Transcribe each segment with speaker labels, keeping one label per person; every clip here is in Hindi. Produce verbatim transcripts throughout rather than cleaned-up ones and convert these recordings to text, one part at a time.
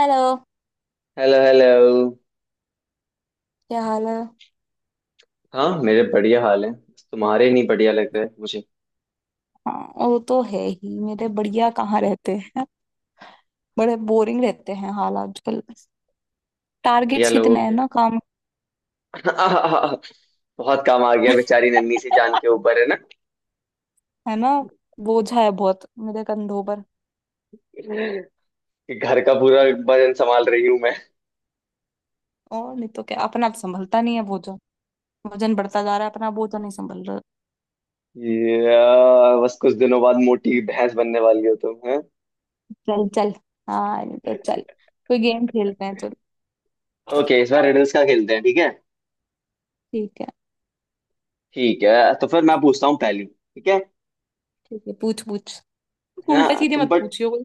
Speaker 1: Hello,
Speaker 2: hello hello.
Speaker 1: क्या हाल है?
Speaker 2: हाँ मेरे बढ़िया हाल है। तुम्हारे नहीं बढ़िया लग रहे मुझे।
Speaker 1: हाँ, वो तो है ही। मेरे बढ़िया कहाँ रहते हैं, बड़े बोरिंग रहते हैं हाल आजकल।
Speaker 2: घटिया
Speaker 1: टारगेट्स
Speaker 2: लोगों
Speaker 1: इतने हैं
Speaker 2: के।
Speaker 1: ना काम।
Speaker 2: बहुत काम आ गया बेचारी नन्ही सी जान के ऊपर, है ना
Speaker 1: है ना। बोझा है बहुत मेरे कंधों पर।
Speaker 2: कि घर का पूरा वजन संभाल रही हूँ मैं।
Speaker 1: और नहीं तो क्या, अपना तो संभलता नहीं है बोझा। वजन बढ़ता जा रहा है, अपना बोझा नहीं संभल रहा।
Speaker 2: ये, आ, बस कुछ दिनों बाद मोटी भैंस बनने वाली हो तुम, है।
Speaker 1: चल चल। हाँ नहीं तो चल, कोई गेम खेलते हैं चल।
Speaker 2: ओके इस बार रिडल्स का खेलते हैं, ठीक है।
Speaker 1: ठीक है।
Speaker 2: ठीक है तो फिर मैं पूछता हूँ पहली, ठीक है।
Speaker 1: ठीक है, पूछ पूछ।
Speaker 2: है ना
Speaker 1: उल्टा सीधे
Speaker 2: तुम
Speaker 1: मत
Speaker 2: बट
Speaker 1: पूछियो कोई।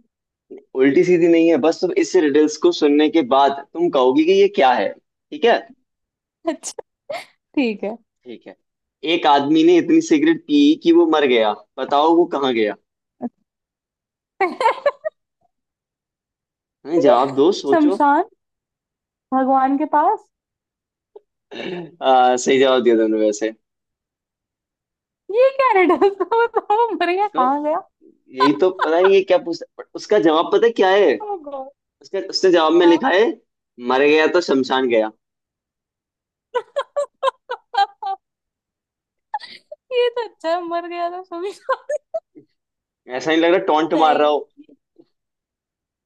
Speaker 2: उल्टी सीधी नहीं है, बस तुम इस रिडल्स को सुनने के बाद तुम कहोगी कि ये क्या है, ठीक है।
Speaker 1: अच्छा, ठीक है।
Speaker 2: ठीक है। एक आदमी ने इतनी सिगरेट पी कि वो मर गया। बताओ वो कहाँ गया। हैं, जवाब दो, सोचो।
Speaker 1: शमशान। भगवान के पास।
Speaker 2: आ, सही जवाब दिया दोनों वैसे।
Speaker 1: ये क्या रिडल था, बताओ वो मर गया
Speaker 2: तो
Speaker 1: कहाँ गया।
Speaker 2: यही तो पता नहीं ये क्या पूछता, उसका जवाब पता है क्या है।
Speaker 1: ओ गॉड।
Speaker 2: उसका उसने जवाब में
Speaker 1: हाँ।
Speaker 2: लिखा है, मर गया तो शमशान गया।
Speaker 1: ये तो अच्छा है, मर गया था शमशान।
Speaker 2: ऐसा नहीं लग रहा टोंट मार रहा
Speaker 1: राइट।
Speaker 2: हो।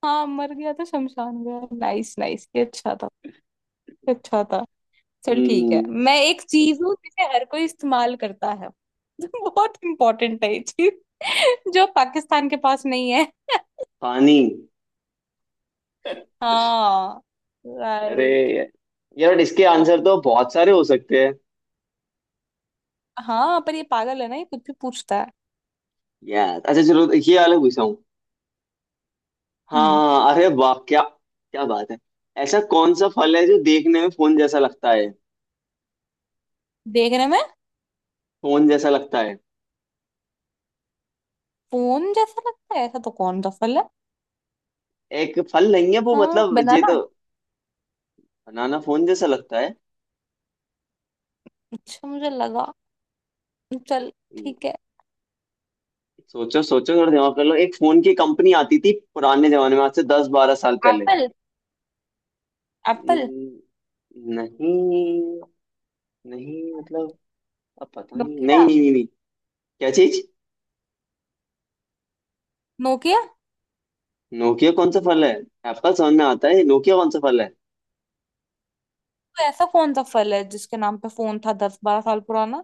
Speaker 1: हाँ मर गया था शमशान गया, नाइस नाइस, ये अच्छा था। ये अच्छा था। चल ठीक है,
Speaker 2: हम्म,
Speaker 1: मैं एक चीज हूँ जिसे हर कोई इस्तेमाल करता है। बहुत इंपॉर्टेंट है ये चीज। जो पाकिस्तान के पास नहीं है।
Speaker 2: पानी।
Speaker 1: हाँ।
Speaker 2: अरे
Speaker 1: राइट।
Speaker 2: यार इसके आंसर तो बहुत सारे हो सकते हैं।
Speaker 1: हाँ पर ये पागल है ना, ये कुछ भी पूछता है।
Speaker 2: यार अच्छा चलो ये वाला पूछा।
Speaker 1: हम्म।
Speaker 2: हाँ अरे वाह क्या, क्या बात है। ऐसा कौन सा फल है जो देखने में फोन जैसा लगता है।
Speaker 1: देखने में
Speaker 2: फोन जैसा लगता है।
Speaker 1: फोन जैसा लगता है, ऐसा तो कौन सा फल है?
Speaker 2: एक फल नहीं है वो,
Speaker 1: हाँ,
Speaker 2: मतलब ये
Speaker 1: बनाना।
Speaker 2: तो। बनाना फोन जैसा लगता है।
Speaker 1: अच्छा, मुझे लगा। चल
Speaker 2: हम्म,
Speaker 1: ठीक है।
Speaker 2: सोचो सोचो थोड़ा दिमाग कर लो, एक फोन की कंपनी आती थी पुराने जमाने में, आज से दस बारह साल पहले।
Speaker 1: एप्पल। एप्पल।
Speaker 2: हम्म, नहीं, नहीं मतलब, अब पता नहीं।
Speaker 1: नोकिया।
Speaker 2: नहीं नहीं नहीं, नहीं। क्या चीज।
Speaker 1: नोकिया।
Speaker 2: नोकिया कौन सा फल है। एप्पल समझ में आता है, नोकिया कौन सा फल है।
Speaker 1: तो ऐसा कौन सा फल है जिसके नाम पे फोन था दस बारह साल पुराना?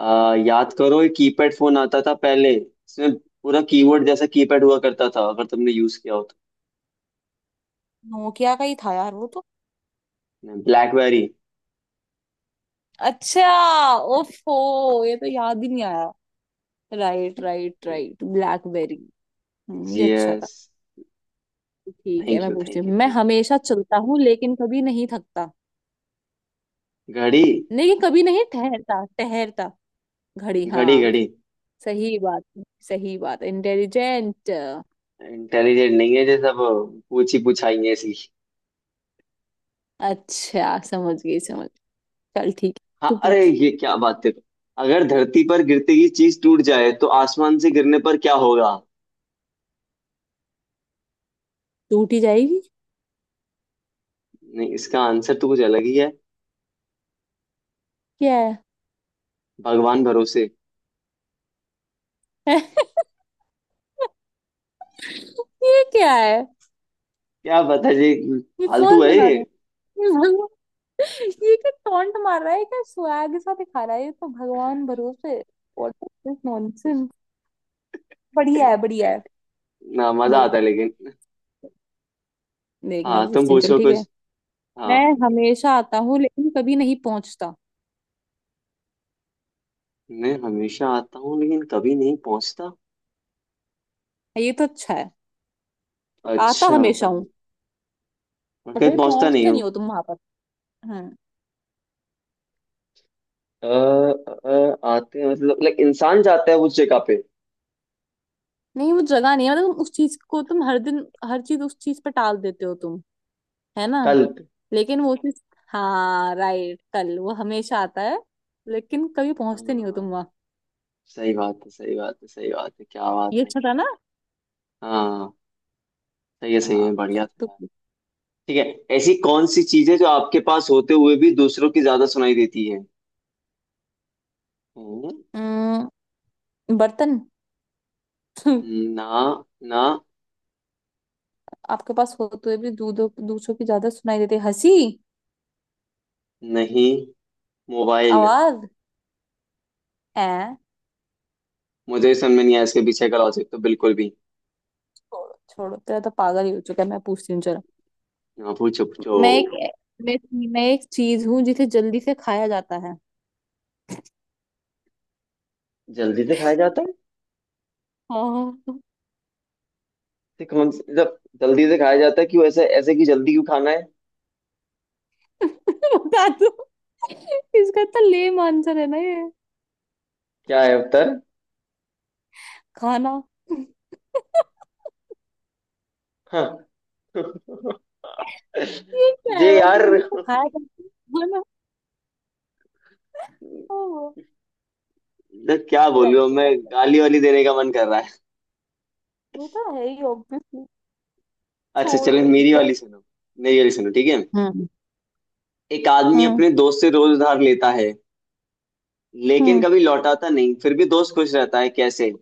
Speaker 2: आ, याद करो, एक कीपैड फोन आता था पहले, इसमें पूरा कीबोर्ड जैसा कीपैड हुआ करता था, अगर तुमने यूज किया हो,
Speaker 1: नोकिया का ही था यार वो तो।
Speaker 2: तो ब्लैकबेरी।
Speaker 1: अच्छा। ओफो, ये तो याद ही नहीं आया। Right right right, BlackBerry. हम्म, ये अच्छा था।
Speaker 2: यस।
Speaker 1: ठीक है,
Speaker 2: थैंक
Speaker 1: मैं
Speaker 2: यू
Speaker 1: पूछती
Speaker 2: थैंक यू
Speaker 1: हूँ। मैं
Speaker 2: थैंक
Speaker 1: हमेशा चलता हूँ लेकिन कभी नहीं थकता,
Speaker 2: यू घड़ी।
Speaker 1: लेकिन कभी नहीं ठहरता ठहरता। घड़ी,
Speaker 2: घड़ी
Speaker 1: हाँ।
Speaker 2: घड़ी।
Speaker 1: सही बात है, सही बात, इंटेलिजेंट।
Speaker 2: इंटेलिजेंट नहीं है, जैसा वो पूछी पुछाई है ऐसी।
Speaker 1: अच्छा, समझ गई समझ। चल ठीक है, तू
Speaker 2: हाँ अरे
Speaker 1: पूछ।
Speaker 2: ये क्या बात है। अगर धरती पर गिरते ही चीज टूट जाए तो आसमान से गिरने पर क्या होगा।
Speaker 1: टूट ही जाएगी।
Speaker 2: नहीं, इसका आंसर तो कुछ अलग ही है।
Speaker 1: क्या है?
Speaker 2: भगवान भरोसे।
Speaker 1: ये क्या है?
Speaker 2: क्या पता जी,
Speaker 1: ये
Speaker 2: फालतू
Speaker 1: कौन
Speaker 2: है
Speaker 1: बना
Speaker 2: ये।
Speaker 1: रहा है, ये भगवान? ये क्या टॉन्ट मार रहा है, क्या स्वैग सा दिखा रहा है, ये तो भगवान भरोसे। What is this nonsense. बढ़िया है, बढ़िया है।
Speaker 2: ना मजा आता है
Speaker 1: बढ़िया।
Speaker 2: लेकिन।
Speaker 1: देख, मैं
Speaker 2: हाँ तुम
Speaker 1: पूछती हूँ, चल
Speaker 2: पूछो
Speaker 1: ठीक है।
Speaker 2: कुछ। हाँ।
Speaker 1: मैं हमेशा आता हूँ लेकिन कभी नहीं पहुंचता।
Speaker 2: मैं हमेशा आता हूँ लेकिन कभी नहीं पहुंचता।
Speaker 1: ये तो अच्छा है। आता
Speaker 2: अच्छा
Speaker 1: हमेशा हूँ
Speaker 2: तभी। और
Speaker 1: पर कभी
Speaker 2: कहीं पहुंचता नहीं
Speaker 1: पहुंचते नहीं
Speaker 2: हूँ।
Speaker 1: हो तुम वहां पर। हम्म।
Speaker 2: अ, अ, आते हैं मतलब लाइक इंसान जाता है उस जगह पे।
Speaker 1: नहीं, वो जगह नहीं है, मतलब तुम उस चीज को तुम हर दिन हर चीज उस चीज पे टाल देते हो तुम, है ना।
Speaker 2: कल पे।
Speaker 1: लेकिन वो चीज, हाँ राइट, कल वो हमेशा आता है लेकिन कभी पहुंचते नहीं हो तुम
Speaker 2: हाँ
Speaker 1: वहां।
Speaker 2: सही बात है सही बात है सही बात है, क्या
Speaker 1: ये
Speaker 2: बात है।
Speaker 1: अच्छा था ना।
Speaker 2: हाँ सही है सही
Speaker 1: हाँ
Speaker 2: है बढ़िया
Speaker 1: चल, तू
Speaker 2: था यार।
Speaker 1: पूछ।
Speaker 2: ठीक है। ऐसी कौन सी चीज है जो आपके पास होते हुए भी दूसरों की ज्यादा सुनाई देती है। हम्म,
Speaker 1: अम्म, बर्तन।
Speaker 2: ना ना
Speaker 1: आपके पास होते हुए भी दूधों दूसरों की ज्यादा सुनाई देती है। हंसी।
Speaker 2: नहीं। मोबाइल।
Speaker 1: आवाज है।
Speaker 2: मुझे समझ में नहीं आया इसके पीछे का लॉजिक तो बिल्कुल भी।
Speaker 1: छोड़ो छोड़ो, तेरा तो पागल ही हो चुका है। मैं पूछती हूँ, चलो।
Speaker 2: हाँ पूछो पूछो।
Speaker 1: मैं एक मैं, मैं एक चीज हूँ जिसे जल्दी से खाया जाता है।
Speaker 2: जल्दी से खाया जाता है।
Speaker 1: हाँ।
Speaker 2: ये कौन सी, मतलब जल्दी से खाया जाता है, क्यों ऐसे ऐसे कि जल्दी क्यों खाना है।
Speaker 1: बता दो। इसका तो लेम आंसर है ना ये।
Speaker 2: क्या है उत्तर।
Speaker 1: खाना।
Speaker 2: हाँ।
Speaker 1: ये क्या है
Speaker 2: जे
Speaker 1: भाई
Speaker 2: यार
Speaker 1: जल्दी से खाया जाता है? खाना।
Speaker 2: मतलब
Speaker 1: ओह।
Speaker 2: क्या बोलूं
Speaker 1: लाइक
Speaker 2: अब
Speaker 1: इट।
Speaker 2: मैं। गाली वाली देने का मन कर रहा है।
Speaker 1: वो तो है ही ऑब्वियसली।
Speaker 2: अच्छा
Speaker 1: छोड़
Speaker 2: चलो
Speaker 1: भाई
Speaker 2: मेरी
Speaker 1: चल।
Speaker 2: वाली सुनो। मेरी वाली सुनो, ठीक है।
Speaker 1: हम्म।
Speaker 2: एक आदमी
Speaker 1: हम्म
Speaker 2: अपने दोस्त से रोज उधार लेता है, लेकिन
Speaker 1: हम्म
Speaker 2: कभी लौटाता नहीं, फिर भी दोस्त खुश रहता है, कैसे।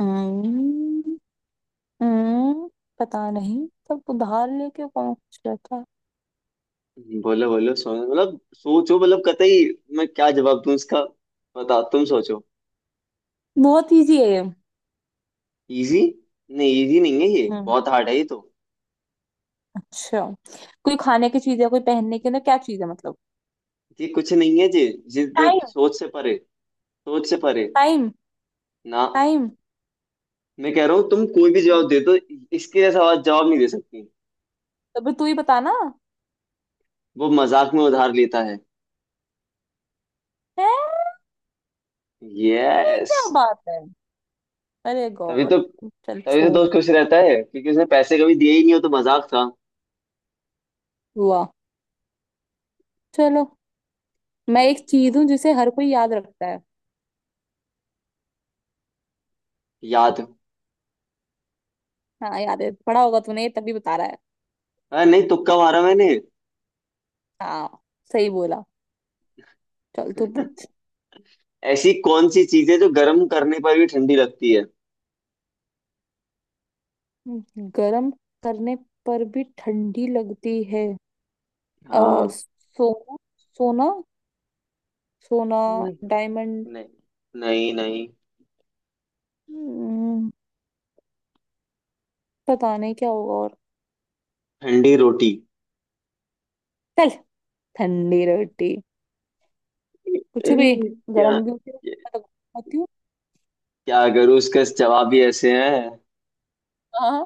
Speaker 1: हम्म, हम्म, पता नहीं, सब उधार लेके कौन कुछ रहता है।
Speaker 2: बोलो बोलो, सो मतलब सोचो मतलब कतई। मैं क्या जवाब दूं इसका, बताओ तुम सोचो।
Speaker 1: बहुत इजी है ये।
Speaker 2: इजी। नहीं इजी नहीं है ये,
Speaker 1: हम्म।
Speaker 2: बहुत हार्ड है ये तो।
Speaker 1: अच्छा, कोई खाने की चीज है, कोई पहनने की ना, क्या चीज है मतलब?
Speaker 2: ये कुछ नहीं है जी, जिद
Speaker 1: टाइम।
Speaker 2: सोच से परे, सोच से परे।
Speaker 1: टाइम।
Speaker 2: ना
Speaker 1: टाइम।
Speaker 2: मैं कह रहा हूँ तुम कोई भी जवाब दे दो, इसके जैसा आवाज जवाब नहीं दे सकती।
Speaker 1: तो भी तू ही बताना।
Speaker 2: वो मजाक में उधार लेता है।
Speaker 1: है। ये
Speaker 2: यस।
Speaker 1: क्या बात है, अरे
Speaker 2: तभी
Speaker 1: गॉड।
Speaker 2: तो,
Speaker 1: चल
Speaker 2: तभी तो
Speaker 1: छोड़।
Speaker 2: दोस्त खुश रहता है, क्योंकि उसने पैसे कभी दिए ही नहीं, हो तो मजाक था।
Speaker 1: हुआ। चलो, मैं एक चीज हूँ
Speaker 2: हाँ,
Speaker 1: जिसे हर कोई याद रखता है।
Speaker 2: याद।
Speaker 1: हाँ याद है, पढ़ा होगा तूने तभी बता रहा है।
Speaker 2: हाँ नहीं तुक्का मारा मैंने।
Speaker 1: हाँ, सही बोला। चल तू पूछ।
Speaker 2: ऐसी कौन सी चीज है जो गर्म करने पर भी ठंडी लगती है।
Speaker 1: गर्म करने पर भी ठंडी लगती है? आ,
Speaker 2: हाँ।
Speaker 1: सोना। सोना। सोना।
Speaker 2: नहीं
Speaker 1: डायमंड।
Speaker 2: नहीं नहीं नहीं।
Speaker 1: हम्म, पता नहीं क्या होगा और।
Speaker 2: ठंडी रोटी।
Speaker 1: चल, ठंडी रोटी, कुछ भी, गरम
Speaker 2: क्या।
Speaker 1: भी होती है, मैं तो खाती हूँ।
Speaker 2: क्या करूँ, उसका जवाब ही ऐसे है।
Speaker 1: हाँ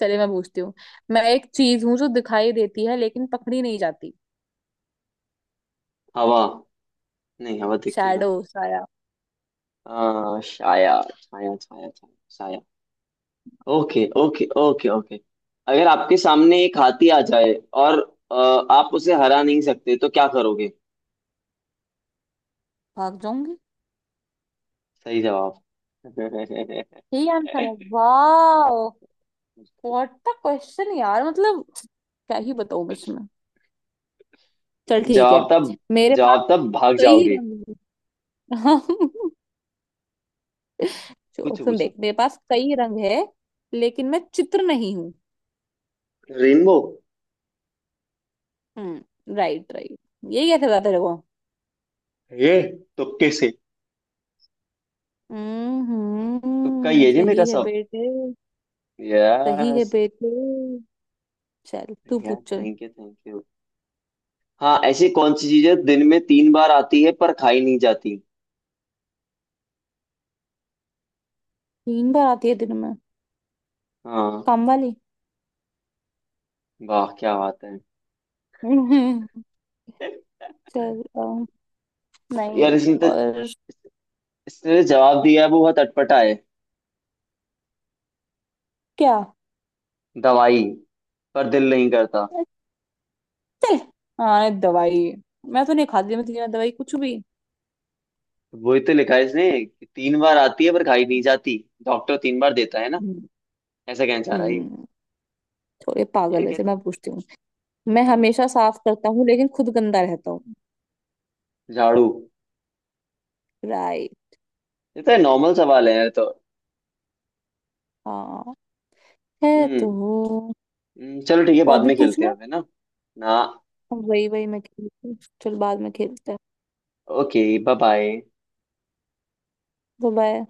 Speaker 1: चलिए, मैं पूछती हूँ। मैं एक चीज हूँ जो दिखाई देती है लेकिन पकड़ी नहीं जाती।
Speaker 2: हवा। नहीं, हवा दिखती कहाँ।
Speaker 1: शैडो, साया।
Speaker 2: हाँ, छाया छाया छाया छाया छाया। Okay okay okay okay. अगर आपके सामने एक हाथी आ जाए और अ, आप उसे हरा नहीं सकते तो क्या करोगे।
Speaker 1: भाग जाऊंगी।
Speaker 2: सही जवाब।
Speaker 1: यही आंसर है, वाह। व्हाट द क्वेश्चन, यार मतलब। क्या ही बताऊँ बस मैं। चल ठीक है।
Speaker 2: जवाब था।
Speaker 1: मेरे पास
Speaker 2: जवाब था भाग
Speaker 1: कई
Speaker 2: जाओगे।
Speaker 1: रंग। जो
Speaker 2: पूछो
Speaker 1: सुन,
Speaker 2: पूछो।
Speaker 1: देख, मेरे पास कई रंग है लेकिन मैं चित्र नहीं हूँ।
Speaker 2: रेनबो।
Speaker 1: Hmm right right. ये कैसे बता तेरे को?
Speaker 2: ये तुक्के से। तुक्का
Speaker 1: हम्म,
Speaker 2: ये जी मेरा
Speaker 1: सही है
Speaker 2: सब।
Speaker 1: बेटे। सही है
Speaker 2: यस।
Speaker 1: बेटे। चल तू
Speaker 2: थैंक
Speaker 1: पूछ चल।
Speaker 2: You thank you. हाँ ऐसी कौन सी चीज है दिन में तीन बार आती है पर खाई नहीं जाती।
Speaker 1: तीन बार आती है दिन में?
Speaker 2: हाँ
Speaker 1: कम वाली।
Speaker 2: वाह क्या बात है।
Speaker 1: हम्म, चल अम, नहीं
Speaker 2: यार इसने तो,
Speaker 1: और
Speaker 2: इसने जो जवाब दिया है वो बहुत अटपटा है।
Speaker 1: क्या।
Speaker 2: दवाई पर दिल नहीं करता।
Speaker 1: चल, हाँ दवाई, मैं तो नहीं खाती मैं तेरी दवाई कुछ भी।
Speaker 2: वही तो लिखा है इसने कि तीन बार आती है पर खाई नहीं जाती, डॉक्टर तीन बार देता है ना।
Speaker 1: हम्म।
Speaker 2: ऐसा कहना चाह रहा है ये।
Speaker 1: हम्म, थोड़े
Speaker 2: यार
Speaker 1: पागल है। चल
Speaker 2: कैसे।
Speaker 1: मैं पूछती हूँ। मैं
Speaker 2: हाँ
Speaker 1: हमेशा साफ करता हूँ लेकिन खुद गंदा रहता हूँ।
Speaker 2: झाड़ू।
Speaker 1: राइट।
Speaker 2: ये तो नॉर्मल सवाल है यार तो।
Speaker 1: हाँ, है
Speaker 2: हम्म।
Speaker 1: तो।
Speaker 2: हम्म, चलो ठीक है
Speaker 1: और
Speaker 2: बाद
Speaker 1: भी
Speaker 2: में खेलते हैं
Speaker 1: पूछना,
Speaker 2: अब, है ना। ना।
Speaker 1: वही वही मैं खेलती हूँ। चल, बाद में खेलते हैं।
Speaker 2: Okay bye bye.
Speaker 1: बाय।